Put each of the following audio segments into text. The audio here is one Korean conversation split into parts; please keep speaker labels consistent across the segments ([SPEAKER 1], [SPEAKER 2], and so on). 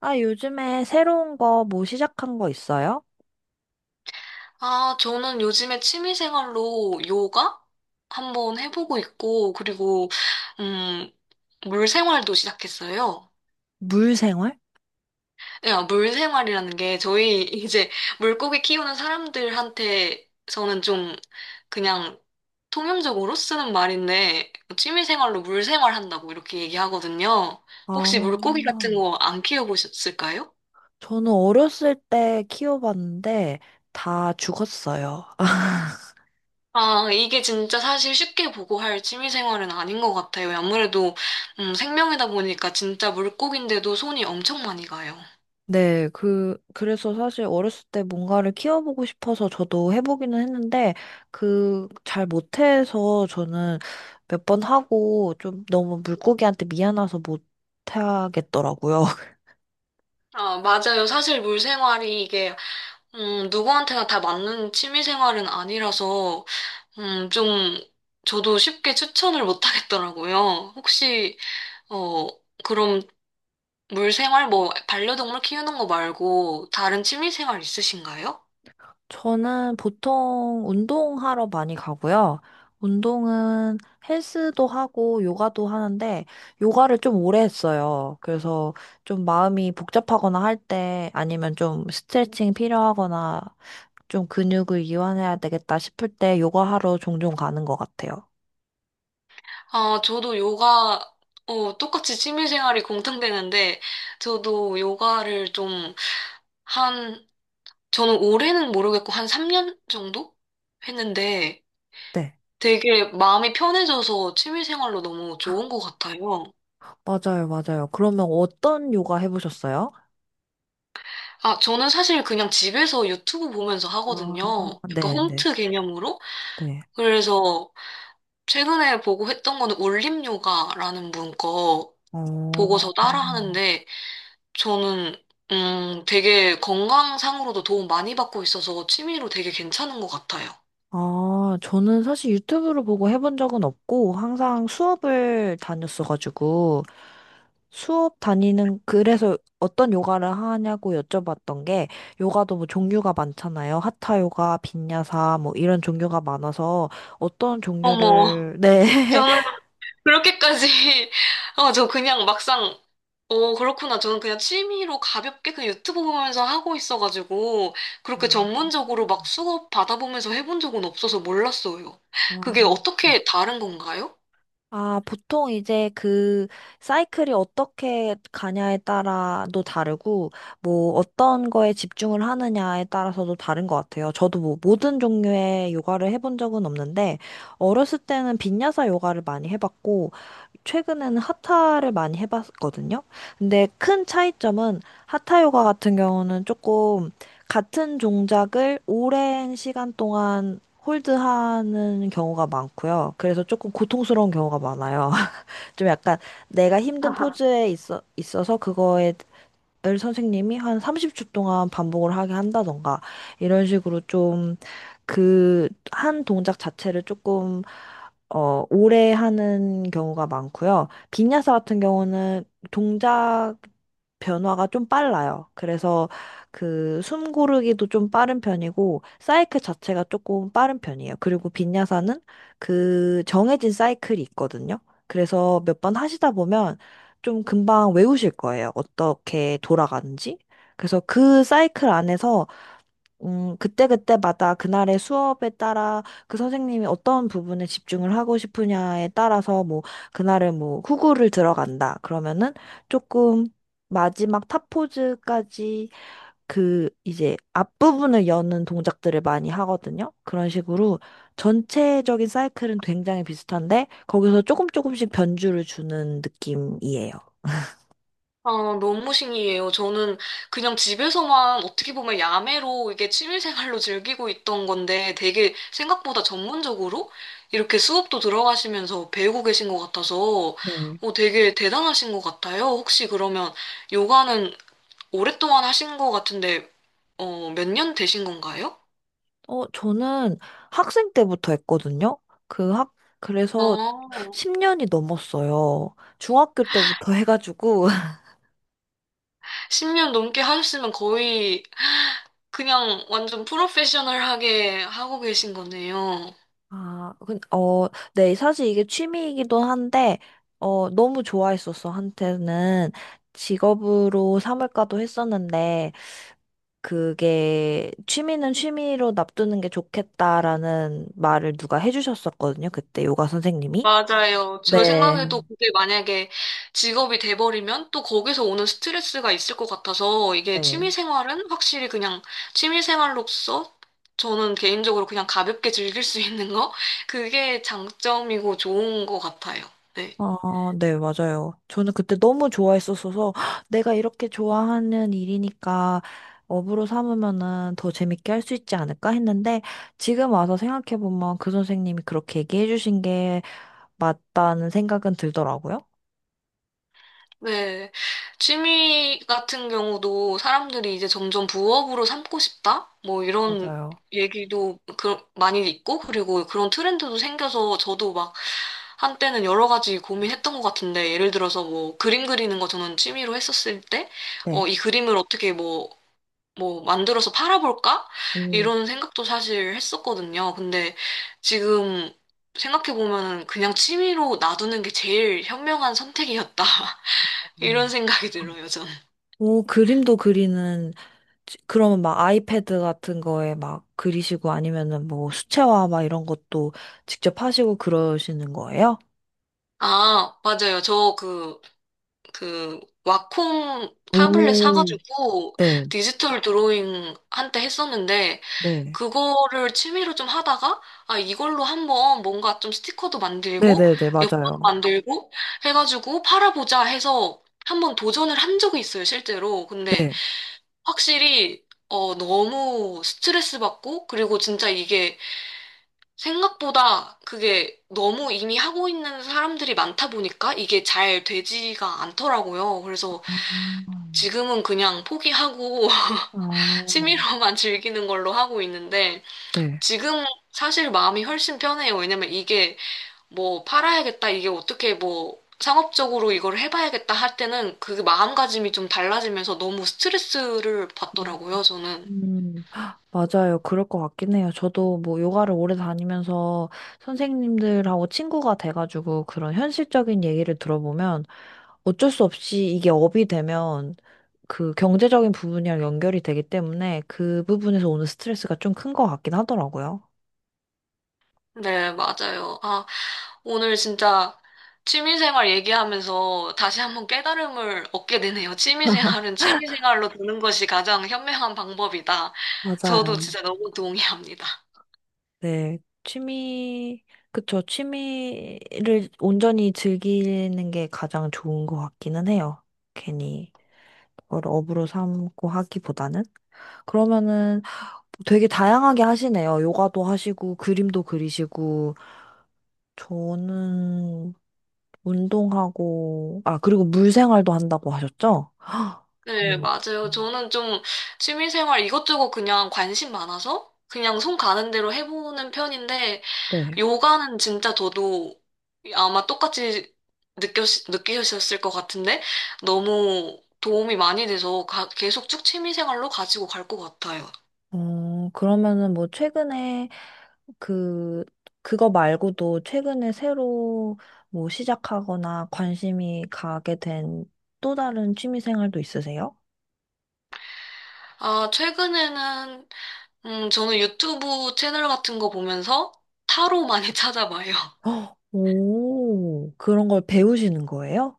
[SPEAKER 1] 아, 요즘에 새로운 거 뭐 시작한 거 있어요?
[SPEAKER 2] 아, 저는 요즘에 취미생활로 요가 한번 해보고 있고, 그리고, 음, 물생활도 시작했어요.
[SPEAKER 1] 물생활?
[SPEAKER 2] 야, 물생활이라는 게 저희 이제 물고기 키우는 사람들한테서는 좀 그냥 통용적으로 쓰는 말인데, 뭐 취미생활로 물생활 한다고 이렇게 얘기하거든요. 혹시 물고기 같은
[SPEAKER 1] 아,
[SPEAKER 2] 거 안 키워보셨을까요?
[SPEAKER 1] 저는 어렸을 때 키워봤는데 다 죽었어요.
[SPEAKER 2] 아, 이게 진짜 사실 쉽게 보고할 취미생활은 아닌 것 같아요. 아무래도 생명이다 보니까 진짜 물고기인데도 손이 엄청 많이 가요.
[SPEAKER 1] 네, 그래서 사실 어렸을 때 뭔가를 키워보고 싶어서 저도 해보기는 했는데, 그, 잘 못해서 저는 몇 번 하고 좀 너무 물고기한테 미안해서 못하겠더라고요.
[SPEAKER 2] 아, 맞아요. 사실 물생활이 이게 누구한테나 다 맞는 취미생활은 아니라서 좀 저도 쉽게 추천을 못 하겠더라고요. 혹시 어, 그럼 물생활 뭐 반려동물 키우는 거 말고 다른 취미생활 있으신가요?
[SPEAKER 1] 저는 보통 운동하러 많이 가고요. 운동은 헬스도 하고 요가도 하는데 요가를 좀 오래 했어요. 그래서 좀 마음이 복잡하거나 할 때 아니면 좀 스트레칭 필요하거나 좀 근육을 이완해야 되겠다 싶을 때 요가하러 종종 가는 것 같아요.
[SPEAKER 2] 아, 저도 요가, 똑같이 취미생활이 공통되는데, 저도 요가를 좀, 한, 저는 올해는 모르겠고, 한 3년 정도? 했는데,
[SPEAKER 1] 네.
[SPEAKER 2] 되게 마음이 편해져서 취미생활로 너무 좋은 것 같아요.
[SPEAKER 1] 맞아요, 맞아요. 그러면 어떤 요가 해보셨어요?
[SPEAKER 2] 아, 저는 사실 그냥 집에서 유튜브 보면서
[SPEAKER 1] 아,
[SPEAKER 2] 하거든요. 약간
[SPEAKER 1] 네, 네,
[SPEAKER 2] 홈트 개념으로.
[SPEAKER 1] 네.
[SPEAKER 2] 그래서 최근에 보고 했던 거는 올림 요가라는 분 거
[SPEAKER 1] 어,
[SPEAKER 2] 보고서 따라 하는데, 저는 되게 건강상으로도 도움 많이 받고 있어서 취미로 되게 괜찮은 것 같아요.
[SPEAKER 1] 아, 저는 사실 유튜브를 보고 해본 적은 없고, 항상 수업을 다녔어가지고, 수업 다니는, 그래서 어떤 요가를 하냐고 여쭤봤던 게, 요가도 뭐 종류가 많잖아요. 하타 요가, 빈야사, 뭐 이런 종류가 많아서, 어떤
[SPEAKER 2] 어머,
[SPEAKER 1] 종류를, 네.
[SPEAKER 2] 저는 그렇게까지, 저 그냥 막상, 그렇구나. 저는 그냥 취미로 가볍게 그냥 유튜브 보면서 하고 있어가지고,
[SPEAKER 1] 아,
[SPEAKER 2] 그렇게 전문적으로 막
[SPEAKER 1] 음.
[SPEAKER 2] 수업 받아보면서 해본 적은 없어서 몰랐어요.
[SPEAKER 1] 아,
[SPEAKER 2] 그게
[SPEAKER 1] 네.
[SPEAKER 2] 어떻게 다른 건가요?
[SPEAKER 1] 아, 보통 이제 그 사이클이 어떻게 가냐에 따라도 다르고, 뭐 어떤 거에 집중을 하느냐에 따라서도 다른 것 같아요. 저도 뭐 모든 종류의 요가를 해본 적은 없는데, 어렸을 때는 빈야사 요가를 많이 해봤고, 최근에는 하타를 많이 해봤거든요. 근데 큰 차이점은 하타 요가 같은 경우는 조금 같은 동작을 오랜 시간 동안 홀드하는 경우가 많고요. 그래서 조금 고통스러운 경우가 많아요. 좀 약간 내가 힘든 포즈에 있어서 그거에 을 선생님이 한 30초 동안 반복을 하게 한다던가 이런 식으로 좀 그 한 동작 자체를 조금 오래 하는 경우가 많고요. 빈야사 같은 경우는 동작 변화가 좀 빨라요. 그래서 그 숨 고르기도 좀 빠른 편이고 사이클 자체가 조금 빠른 편이에요. 그리고 빈야사는 그 정해진 사이클이 있거든요. 그래서 몇 번 하시다 보면 좀 금방 외우실 거예요. 어떻게 돌아가는지. 그래서 그 사이클 안에서, 그때그때마다 그날의 수업에 따라 그 선생님이 어떤 부분에 집중을 하고 싶으냐에 따라서 뭐, 그날은 뭐, 후구를 들어간다. 그러면은 조금 마지막 탑포즈까지 그 이제 앞부분을 여는 동작들을 많이 하거든요. 그런 식으로 전체적인 사이클은 굉장히 비슷한데, 거기서 조금 조금씩 변주를 주는 느낌이에요.
[SPEAKER 2] 아, 너무 신기해요. 저는 그냥 집에서만 어떻게 보면 야매로 이게 취미생활로 즐기고 있던 건데 되게 생각보다 전문적으로 이렇게 수업도 들어가시면서 배우고 계신 것 같아서
[SPEAKER 1] 네.
[SPEAKER 2] 되게 대단하신 것 같아요. 혹시 그러면 요가는 오랫동안 하신 것 같은데 몇 년 되신 건가요?
[SPEAKER 1] 어, 저는 학생 때부터 했거든요. 그 학, 그래서
[SPEAKER 2] 아,
[SPEAKER 1] 10년이 넘었어요. 중학교 때부터 해가지고.
[SPEAKER 2] 10년 넘게 하셨으면 거의 그냥 완전 프로페셔널하게 하고 계신 거네요.
[SPEAKER 1] 아, 근, 어, 네, 사실 이게 취미이기도 한데, 어, 너무 좋아했었어, 한때는. 직업으로 삼을까도 했었는데, 그게, 취미는 취미로 놔두는 게 좋겠다라는 말을 누가 해주셨었거든요. 그때 요가 선생님이.
[SPEAKER 2] 맞아요. 저
[SPEAKER 1] 네.
[SPEAKER 2] 생각에도 그게 만약에 직업이 돼버리면 또 거기서 오는 스트레스가 있을 것 같아서 이게 취미
[SPEAKER 1] 네.
[SPEAKER 2] 생활은 확실히 그냥 취미 생활로서 저는 개인적으로 그냥 가볍게 즐길 수 있는 거? 그게 장점이고 좋은 것 같아요. 네.
[SPEAKER 1] 아, 네, 맞아요. 저는 그때 너무 좋아했었어서 "헉, 내가 이렇게 좋아하는 일이니까 업으로 삼으면은 더 재밌게 할 수 있지 않을까 했는데 지금 와서 생각해보면 그 선생님이 그렇게 얘기해주신 게 맞다는 생각은 들더라고요.
[SPEAKER 2] 네. 취미 같은 경우도 사람들이 이제 점점 부업으로 삼고 싶다? 뭐 이런
[SPEAKER 1] 맞아요.
[SPEAKER 2] 얘기도 그, 많이 있고, 그리고 그런 트렌드도 생겨서 저도 막 한때는 여러 가지 고민했던 것 같은데, 예를 들어서 뭐 그림 그리는 거 저는 취미로 했었을 때,
[SPEAKER 1] 네.
[SPEAKER 2] 이 그림을 어떻게 뭐, 뭐 만들어서 팔아볼까?
[SPEAKER 1] 오.
[SPEAKER 2] 이런 생각도 사실 했었거든요. 근데 지금 생각해보면 그냥 취미로 놔두는 게 제일 현명한 선택이었다. 이런
[SPEAKER 1] 음.
[SPEAKER 2] 생각이 들어요, 저는.
[SPEAKER 1] 오, 그림도 그리는, 지- 그러면 막 아이패드 같은 거에 막 그리시고 아니면은 뭐 수채화 막 이런 것도 직접 하시고 그러시는 거예요?
[SPEAKER 2] 아, 맞아요. 저 그, 그, 와콩 타블렛
[SPEAKER 1] 오,
[SPEAKER 2] 사가지고
[SPEAKER 1] 네.
[SPEAKER 2] 디지털 드로잉 한때 했었는데,
[SPEAKER 1] 네.
[SPEAKER 2] 그거를 취미로 좀 하다가, 아, 이걸로 한번 뭔가 좀 스티커도 만들고,
[SPEAKER 1] 네네네,
[SPEAKER 2] 엽서도
[SPEAKER 1] 맞아요.
[SPEAKER 2] 만들고, 해가지고 팔아보자 해서 한번 도전을 한 적이 있어요, 실제로. 근데
[SPEAKER 1] 네.
[SPEAKER 2] 확실히, 너무 스트레스 받고, 그리고 진짜 이게 생각보다 그게 너무 이미 하고 있는 사람들이 많다 보니까 이게 잘 되지가 않더라고요. 그래서
[SPEAKER 1] 아,
[SPEAKER 2] 지금은 그냥 포기하고
[SPEAKER 1] 아,
[SPEAKER 2] 취미로만 즐기는 걸로 하고 있는데
[SPEAKER 1] 네.
[SPEAKER 2] 지금 사실 마음이 훨씬 편해요. 왜냐면 이게 뭐 팔아야겠다, 이게 어떻게 뭐 상업적으로 이걸 해봐야겠다 할 때는 그 마음가짐이 좀 달라지면서 너무 스트레스를 받더라고요, 저는.
[SPEAKER 1] 헉, 맞아요. 그럴 것 같긴 해요. 저도 뭐 요가를 오래 다니면서 선생님들하고 친구가 돼가지고 그런 현실적인 얘기를 들어보면 어쩔 수 없이 이게 업이 되면 그 경제적인 부분이랑 연결이 되기 때문에 그 부분에서 오는 스트레스가 좀 큰 것 같긴 하더라고요.
[SPEAKER 2] 네, 맞아요. 아, 오늘 진짜 취미생활 얘기하면서 다시 한번 깨달음을 얻게 되네요. 취미생활은 취미생활로 두는 것이 가장 현명한 방법이다. 저도
[SPEAKER 1] 맞아요.
[SPEAKER 2] 진짜 너무 동의합니다.
[SPEAKER 1] 네, 취미, 그쵸. 취미를 온전히 즐기는 게 가장 좋은 것 같기는 해요. 괜히 그걸 업으로 삼고 하기보다는. 그러면은 되게 다양하게 하시네요. 요가도 하시고, 그림도 그리시고, 저는 운동하고, 아, 그리고 물 생활도 한다고 하셨죠? 헉,
[SPEAKER 2] 네,
[SPEAKER 1] 음,
[SPEAKER 2] 맞아요. 저는 좀 취미생활 이것저것 그냥 관심 많아서 그냥 손 가는 대로 해보는 편인데
[SPEAKER 1] 네.
[SPEAKER 2] 요가는 진짜 저도 아마 똑같이 느꼈, 느끼셨을 것 같은데 너무 도움이 많이 돼서 가- 계속 쭉 취미생활로 가지고 갈 것 같아요.
[SPEAKER 1] 어, 그러면은 뭐 최근에 그, 그거 말고도 최근에 새로 뭐 시작하거나 관심이 가게 된 또 다른 취미 생활도 있으세요?
[SPEAKER 2] 아, 최근에는 저는 유튜브 채널 같은 거 보면서 타로 많이 찾아봐요.
[SPEAKER 1] 헉, 오, 그런 걸 배우시는 거예요?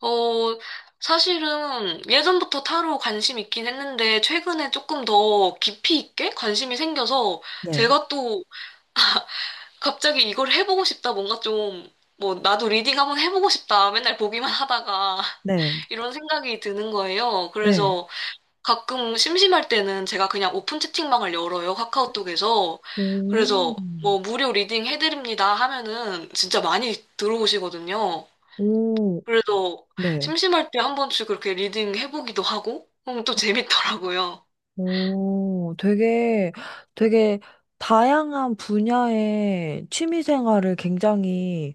[SPEAKER 2] 어, 사실은 예전부터 타로 관심 있긴 했는데 최근에 조금 더 깊이 있게 관심이 생겨서
[SPEAKER 1] 네,
[SPEAKER 2] 제가 또 갑자기 이걸 해보고 싶다, 뭔가 좀, 뭐, 나도 리딩 한번 해보고 싶다, 맨날 보기만 하다가,
[SPEAKER 1] 네,
[SPEAKER 2] 이런 생각이 드는 거예요.
[SPEAKER 1] 네,
[SPEAKER 2] 그래서 가끔 심심할 때는 제가 그냥 오픈 채팅방을 열어요, 카카오톡에서.
[SPEAKER 1] 오,
[SPEAKER 2] 그래서 뭐, 무료 리딩 해드립니다 하면은 진짜 많이 들어오시거든요.
[SPEAKER 1] 오,
[SPEAKER 2] 그래서
[SPEAKER 1] 네.
[SPEAKER 2] 심심할 때 한 번씩 그렇게 리딩 해보기도 하고, 그럼 또 재밌더라고요.
[SPEAKER 1] 오, 되게, 되게 다양한 분야의 취미 생활을 굉장히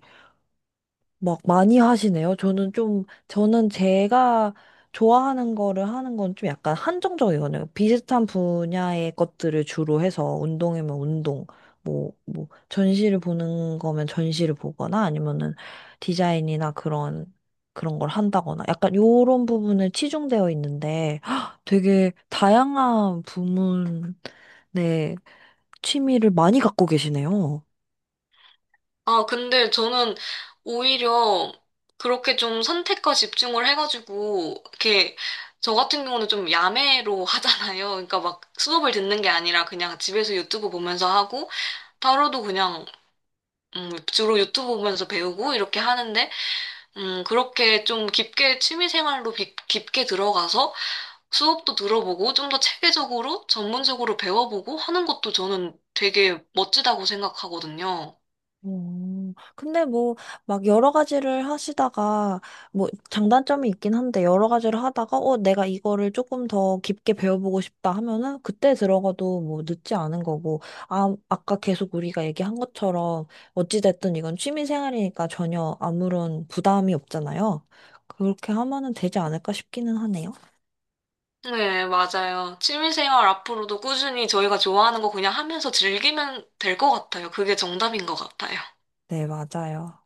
[SPEAKER 1] 막 많이 하시네요. 저는 좀, 저는 제가 좋아하는 거를 하는 건 좀 약간 한정적이거든요. 비슷한 분야의 것들을 주로 해서 운동이면 운동, 뭐, 뭐, 전시를 보는 거면 전시를 보거나 아니면은 디자인이나 그런, 그런 걸 한다거나 약간 요런 부분에 치중되어 있는데 헉, 되게 다양한 부문의 취미를 많이 갖고 계시네요.
[SPEAKER 2] 아, 근데 저는 오히려 그렇게 좀 선택과 집중을 해가지고, 이렇게, 저 같은 경우는 좀 야매로 하잖아요. 그러니까 막 수업을 듣는 게 아니라 그냥 집에서 유튜브 보면서 하고, 타로도 그냥, 주로 유튜브 보면서 배우고 이렇게 하는데, 그렇게 좀 깊게 취미 생활로 비- 깊게 들어가서 수업도 들어보고, 좀 더 체계적으로, 전문적으로 배워보고 하는 것도 저는 되게 멋지다고 생각하거든요.
[SPEAKER 1] 근데 뭐, 막 여러 가지를 하시다가, 뭐, 장단점이 있긴 한데, 여러 가지를 하다가, 어, 내가 이거를 조금 더 깊게 배워보고 싶다 하면은, 그때 들어가도 뭐, 늦지 않은 거고, 아, 아까 계속 우리가 얘기한 것처럼, 어찌됐든 이건 취미생활이니까 전혀 아무런 부담이 없잖아요. 그렇게 하면은 되지 않을까 싶기는 하네요.
[SPEAKER 2] 네, 맞아요. 취미생활 앞으로도 꾸준히 저희가 좋아하는 거 그냥 하면서 즐기면 될 것 같아요. 그게 정답인 것 같아요.
[SPEAKER 1] 네, 맞아요.